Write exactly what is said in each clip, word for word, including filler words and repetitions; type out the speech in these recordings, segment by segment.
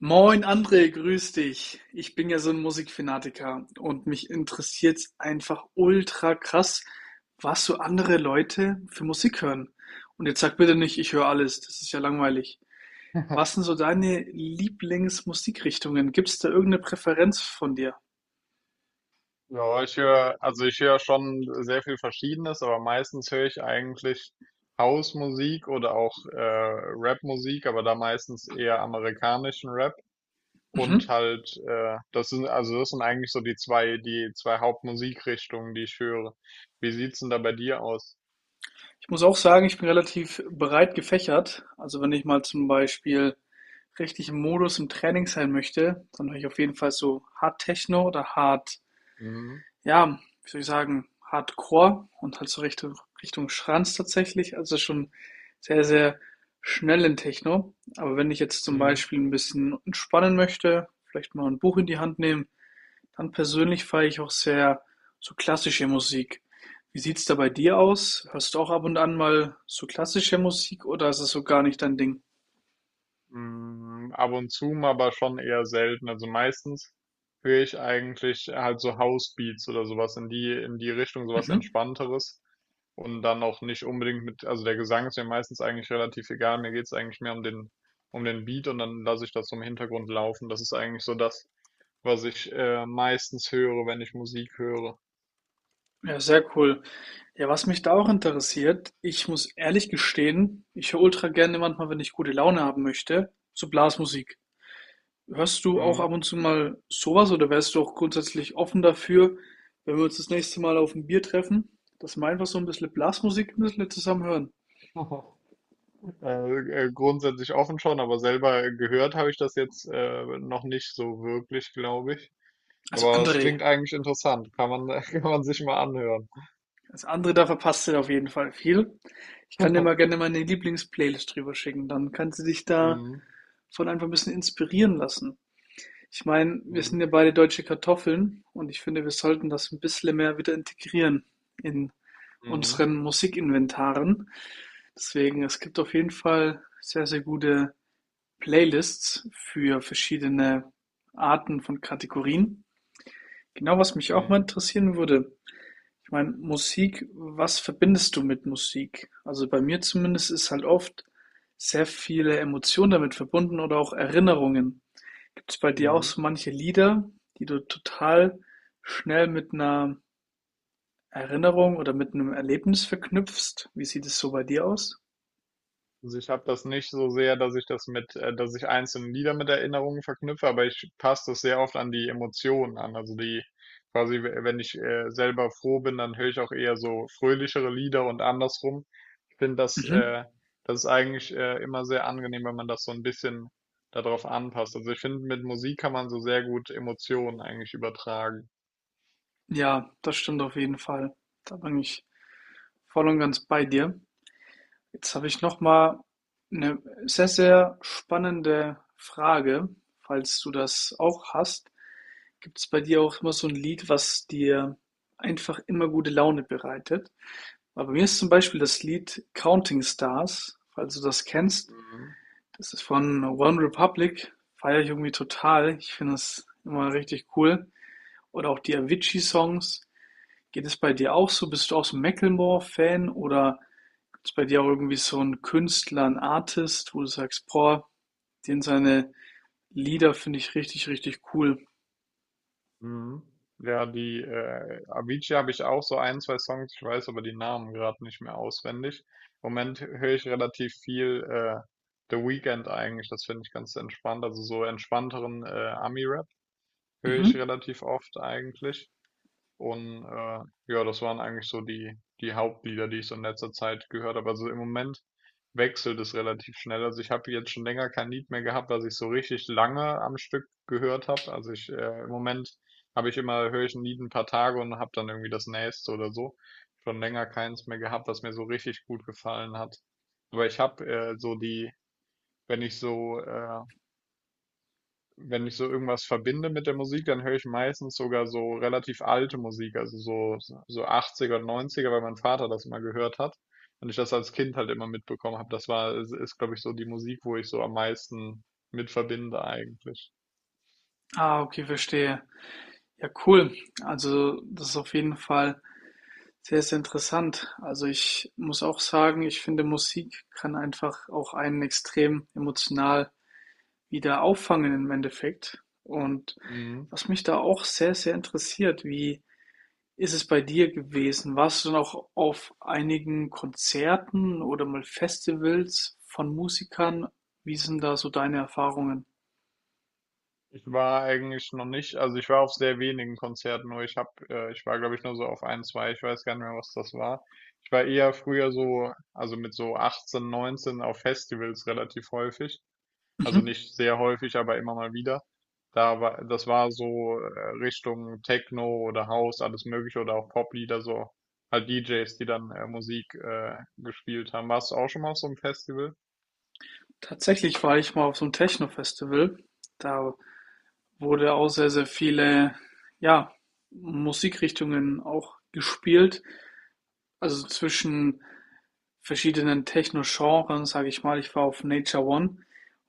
Moin André, grüß dich. Ich bin ja so ein Musikfanatiker und mich interessiert's einfach ultra krass, was so andere Leute für Musik hören. Und jetzt sag bitte nicht: „Ich höre alles“, das ist ja langweilig. Was sind so deine Lieblingsmusikrichtungen? Gibt's da irgendeine Präferenz von dir? Ja, ich höre, also ich höre schon sehr viel Verschiedenes, aber meistens höre ich eigentlich Housemusik oder auch äh, Rapmusik, aber da meistens eher amerikanischen Rap und Mhm. halt, äh, das sind, also das sind eigentlich so die zwei, die zwei Hauptmusikrichtungen, die ich höre. Wie sieht's denn da bei dir aus? Ich muss auch sagen, ich bin relativ breit gefächert. Also, wenn ich mal zum Beispiel richtig im Modus im Training sein möchte, dann höre ich auf jeden Fall so Hard Techno oder Hard. Mhm. Ja, wie soll ich sagen, Hardcore und halt so Richtung, Richtung Schranz tatsächlich. Also schon sehr, sehr schnellen Techno. Aber wenn ich jetzt zum Mhm. Beispiel ein bisschen entspannen möchte, vielleicht mal ein Buch in die Hand nehmen, dann persönlich feiere ich auch sehr so klassische Musik. Wie sieht's da bei dir aus? Hörst du auch ab und an mal so klassische Musik oder ist es so gar nicht dein Ding? Hm, ab und zu mal, aber schon eher selten. Also meistens höre ich eigentlich halt so Housebeats oder sowas in die, in die Richtung, sowas Mhm. Entspannteres. Und dann auch nicht unbedingt mit, also der Gesang ist mir meistens eigentlich relativ egal. Mir geht's eigentlich mehr um den, um den Beat und dann lasse ich das so im Hintergrund laufen. Das ist eigentlich so das, was ich äh, meistens höre, wenn ich Musik höre. Ja, sehr cool. Ja, was mich da auch interessiert, ich muss ehrlich gestehen, ich höre ultra gerne manchmal, wenn ich gute Laune haben möchte, so Blasmusik. Hörst du auch ab Mhm. und zu mal sowas oder wärst du auch grundsätzlich offen dafür, wenn wir uns das nächste Mal auf ein Bier treffen, dass wir einfach so ein bisschen Blasmusik ein bisschen zusammen hören? Äh, äh, grundsätzlich offen schon, aber selber gehört habe ich das jetzt äh, noch nicht so wirklich, glaube ich. Also Aber es André, klingt eigentlich interessant. Kann man, kann man sich mal anhören. also André, da verpasst du auf jeden Fall viel. Ich kann dir mal gerne meine Lieblingsplaylist drüber schicken, dann kannst du dich Mhm. davon einfach ein bisschen inspirieren lassen. Ich meine, wir sind Mhm. ja beide deutsche Kartoffeln und ich finde, wir sollten das ein bisschen mehr wieder integrieren in Mhm. unseren Musikinventaren. Deswegen, es gibt auf jeden Fall sehr, sehr gute Playlists für verschiedene Arten von Kategorien. Genau, was mich auch mal Mhm. interessieren würde. Ich meine, Musik, was verbindest du mit Musik? Also bei mir zumindest ist halt oft sehr viele Emotionen damit verbunden oder auch Erinnerungen. Gibt's bei dir auch Mhm. so manche Lieder, die du total schnell mit einer Erinnerung oder mit einem Erlebnis verknüpfst? Wie sieht es so bei dir aus? Also ich habe das nicht so sehr, dass ich das mit, äh, dass ich einzelne Lieder mit Erinnerungen verknüpfe, aber ich passe das sehr oft an die Emotionen an. Also die quasi, we- wenn ich äh, selber froh bin, dann höre ich auch eher so fröhlichere Lieder und andersrum. Finde das, Mhm. äh, das ist eigentlich äh, immer sehr angenehm, wenn man das so ein bisschen darauf anpasst. Also ich finde, mit Musik kann man so sehr gut Emotionen eigentlich übertragen. Ja, das stimmt auf jeden Fall. Da bin ich voll und ganz bei dir. Jetzt habe ich noch mal eine sehr, sehr spannende Frage, falls du das auch hast. Gibt es bei dir auch immer so ein Lied, was dir einfach immer gute Laune bereitet? Aber bei mir ist zum Beispiel das Lied „Counting Stars“, falls du das kennst. Mhm. Das ist von OneRepublic, feiere ich irgendwie total. Ich finde das immer richtig cool. Oder auch die Avicii-Songs. Geht es bei dir auch so? Bist du auch so 'n Macklemore-Fan oder gibt's bei dir auch irgendwie so 'n Künstler, 'n Artist, wo du sagst: „Boah, den seine Lieder finde ich richtig, richtig cool.“ Mhm. Ja, die äh, Avicii habe ich auch so ein, zwei Songs, ich weiß aber die Namen gerade nicht mehr auswendig. Im Moment höre ich relativ viel äh, The Weeknd eigentlich, das finde ich ganz entspannt. Also so entspannteren äh, Ami-Rap höre Mhm. ich relativ oft eigentlich. Und äh, ja, das waren eigentlich so die, die Hauptlieder, die ich so in letzter Zeit gehört habe. Also im Moment wechselt es relativ schnell. Also ich habe jetzt schon länger kein Lied mehr gehabt, was ich so richtig lange am Stück gehört habe. Also ich äh, im Moment habe ich immer, höre ich ein Lied ein paar Tage und habe dann irgendwie das nächste oder so. Schon länger keins mehr gehabt, was mir so richtig gut gefallen hat. Aber ich habe äh, so die, wenn ich so äh, wenn ich so irgendwas verbinde mit der Musik, dann höre ich meistens sogar so relativ alte Musik, also so, so achtziger und neunziger, weil mein Vater das immer gehört hat und ich das als Kind halt immer mitbekommen habe. Das war, ist, ist glaube ich, so die Musik, wo ich so am meisten mit verbinde eigentlich. Ah, okay, verstehe. Ja, cool. Also, das ist auf jeden Fall sehr, sehr interessant. Also ich muss auch sagen, ich finde, Musik kann einfach auch einen extrem emotional wieder auffangen im Endeffekt. Und Mhm. was mich da auch sehr, sehr interessiert, wie ist es bei dir gewesen? Warst du noch auf einigen Konzerten oder mal Festivals von Musikern? Wie sind da so deine Erfahrungen? Ich war eigentlich noch nicht, also ich war auf sehr wenigen Konzerten, nur ich habe, äh, ich war glaube ich nur so auf ein, zwei, ich weiß gar nicht mehr, was das war. Ich war eher früher so, also mit so achtzehn, neunzehn auf Festivals relativ häufig. Also Mhm. nicht sehr häufig, aber immer mal wieder. Da war, das war so äh, Richtung Techno oder House, alles Mögliche oder auch Poplieder, so halt D Js, die dann äh, Musik äh, gespielt haben. Warst du auch schon mal auf so einem Festival? Tatsächlich war ich mal auf so einem Techno-Festival. Da wurde auch sehr, sehr viele, ja, Musikrichtungen auch gespielt. Also zwischen verschiedenen Techno-Genren, sage ich mal. Ich war auf Nature One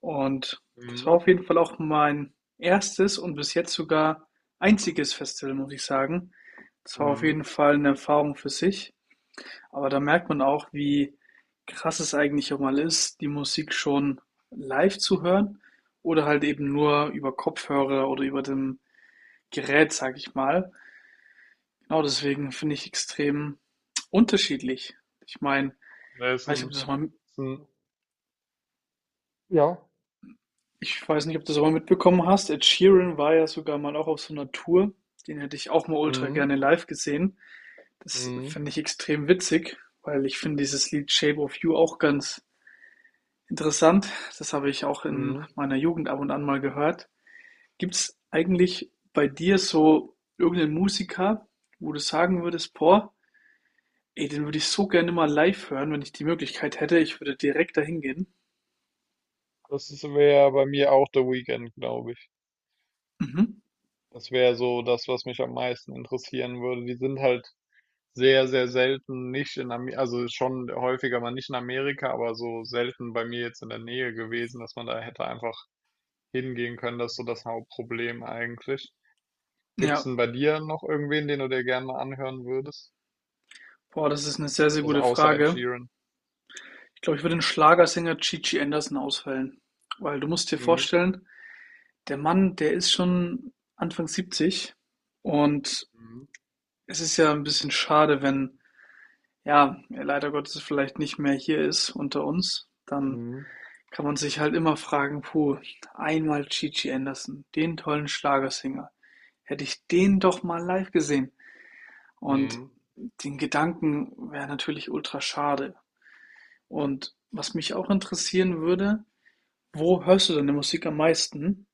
und das war Mhm. auf jeden Fall auch mein erstes und bis jetzt sogar einziges Festival, muss ich sagen. Das war auf Mhm. jeden Fall eine Erfahrung für sich. Aber da merkt man auch, wie krass es eigentlich auch mal ist, die Musik schon live zu hören oder halt eben nur über Kopfhörer oder über den gerät, sage ich mal. Genau deswegen finde ich extrem unterschiedlich. Ich meine, Das ich ist weiß nicht, ob ein, du das mal, ist ein ja. ich weiß nicht, ob du das mal mitbekommen hast. Ed Sheeran war ja sogar mal auch auf so einer Tour. Den hätte ich auch mal ultra Mhm. gerne live gesehen. Das Mhm. finde ich extrem witzig, weil ich finde dieses Lied Shape of You auch ganz interessant. Das habe ich auch in Mhm. meiner Jugend ab und an mal gehört. Gibt es eigentlich bei dir so irgendeinen Musiker, wo du sagen würdest, boah, ey, den würde ich so gerne mal live hören, wenn ich die Möglichkeit hätte. Ich würde direkt dahin gehen. Das wäre bei mir auch The Weeknd, glaube ich. Mhm. Das wäre so das, was mich am meisten interessieren würde. Die sind halt sehr, sehr selten nicht in Ame, also schon häufiger mal nicht in Amerika, aber so selten bei mir jetzt in der Nähe gewesen, dass man da hätte einfach hingehen können. Das ist so das Hauptproblem eigentlich. Gibt's Ja, denn bei dir noch irgendwen, den du dir gerne mal anhören würdest? boah, das ist eine sehr, sehr Also gute außer Ed Frage. Sheeran. Ich glaube, ich würde den Schlagersänger Gigi Anderson auswählen, weil du musst dir Mhm. vorstellen, der Mann, der ist schon Anfang siebzig und Mhm. es ist ja ein bisschen schade, wenn, ja, er leider Gottes vielleicht nicht mehr hier ist unter uns. Dann Mhm. kann man sich halt immer fragen, puh, einmal Gigi Anderson, den tollen Schlagersänger. Hätte ich den doch mal live gesehen. Und Mhm. den Gedanken wäre natürlich ultra schade. Und was mich auch interessieren würde, wo hörst du deine Musik am meisten?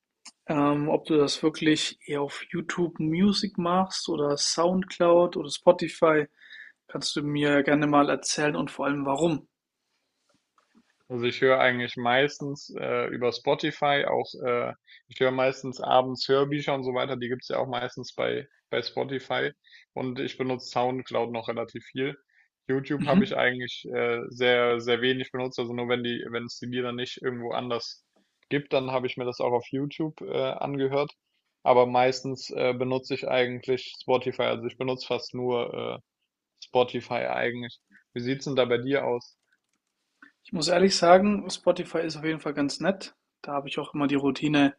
Ähm, ob du das wirklich eher auf YouTube Music machst oder SoundCloud oder Spotify, kannst du mir gerne mal erzählen und vor allem warum. Also ich höre eigentlich meistens äh, über Spotify auch, äh, ich höre meistens abends Hörbücher und so weiter, die gibt's ja auch meistens bei, bei Spotify und ich benutze SoundCloud noch relativ viel. YouTube habe Mhm. ich eigentlich äh, sehr, sehr wenig benutzt, also nur wenn die, wenn es die Lieder nicht irgendwo anders gibt, dann habe ich mir das auch auf YouTube äh, angehört. Aber meistens äh, benutze ich eigentlich Spotify, also ich benutze fast nur äh, Spotify eigentlich. Wie sieht's denn da bei dir aus? Ich muss ehrlich sagen, Spotify ist auf jeden Fall ganz nett. Da habe ich auch immer die Routine,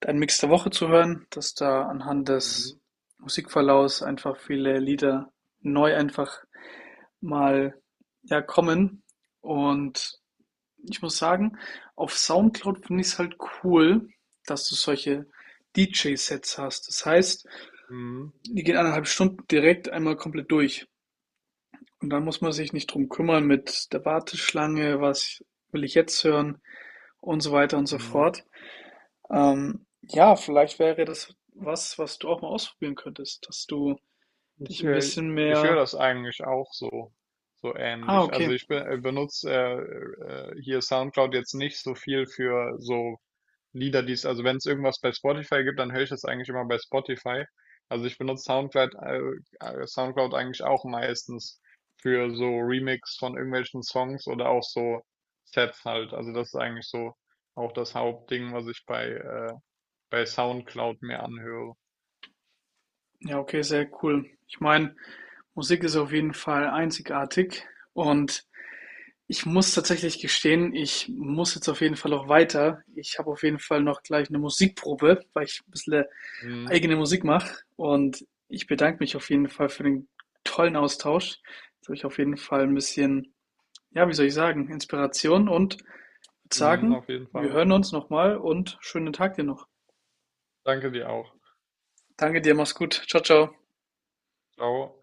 deinen Mix der Woche zu hören, dass da anhand Mhm. des Musikverlaufs einfach viele Lieder neu einfach mal, ja, kommen. Und ich muss sagen, auf Soundcloud finde ich es halt cool, dass du solche D J-Sets hast. Das heißt, Mhm. die gehen eineinhalb Stunden direkt einmal komplett durch. Und dann muss man sich nicht drum kümmern mit der Warteschlange, was will ich jetzt hören und so weiter und so Mhm. fort. Ähm, ja, vielleicht wäre das was, was du auch mal ausprobieren könntest, dass du Ich, dich ein äh, bisschen Ich höre mehr. das eigentlich auch so, so Ah, ähnlich. okay. Also ich be- äh, benutze äh, äh, hier SoundCloud jetzt nicht so viel für so Lieder, die es, also wenn es irgendwas bei Spotify gibt, dann höre ich das eigentlich immer bei Spotify. Also ich benutze SoundCloud, äh, äh, SoundCloud eigentlich auch meistens für so Remix von irgendwelchen Songs oder auch so Sets halt. Also das ist eigentlich so auch das Hauptding, was ich bei, äh, bei SoundCloud mir anhöre. Ja, okay, sehr cool. Ich meine, Musik ist auf jeden Fall einzigartig und ich muss tatsächlich gestehen, ich muss jetzt auf jeden Fall auch weiter. Ich habe auf jeden Fall noch gleich eine Musikprobe, weil ich ein bisschen Mhm. eigene Musik mache und ich bedanke mich auf jeden Fall für den tollen Austausch. Jetzt habe ich auf jeden Fall ein bisschen, ja, wie soll ich sagen, Inspiration und würde Mhm, sagen, auf jeden wir Fall. hören uns nochmal und schönen Tag dir noch. Danke dir auch. Danke dir, mach's gut. Ciao, ciao. Ciao.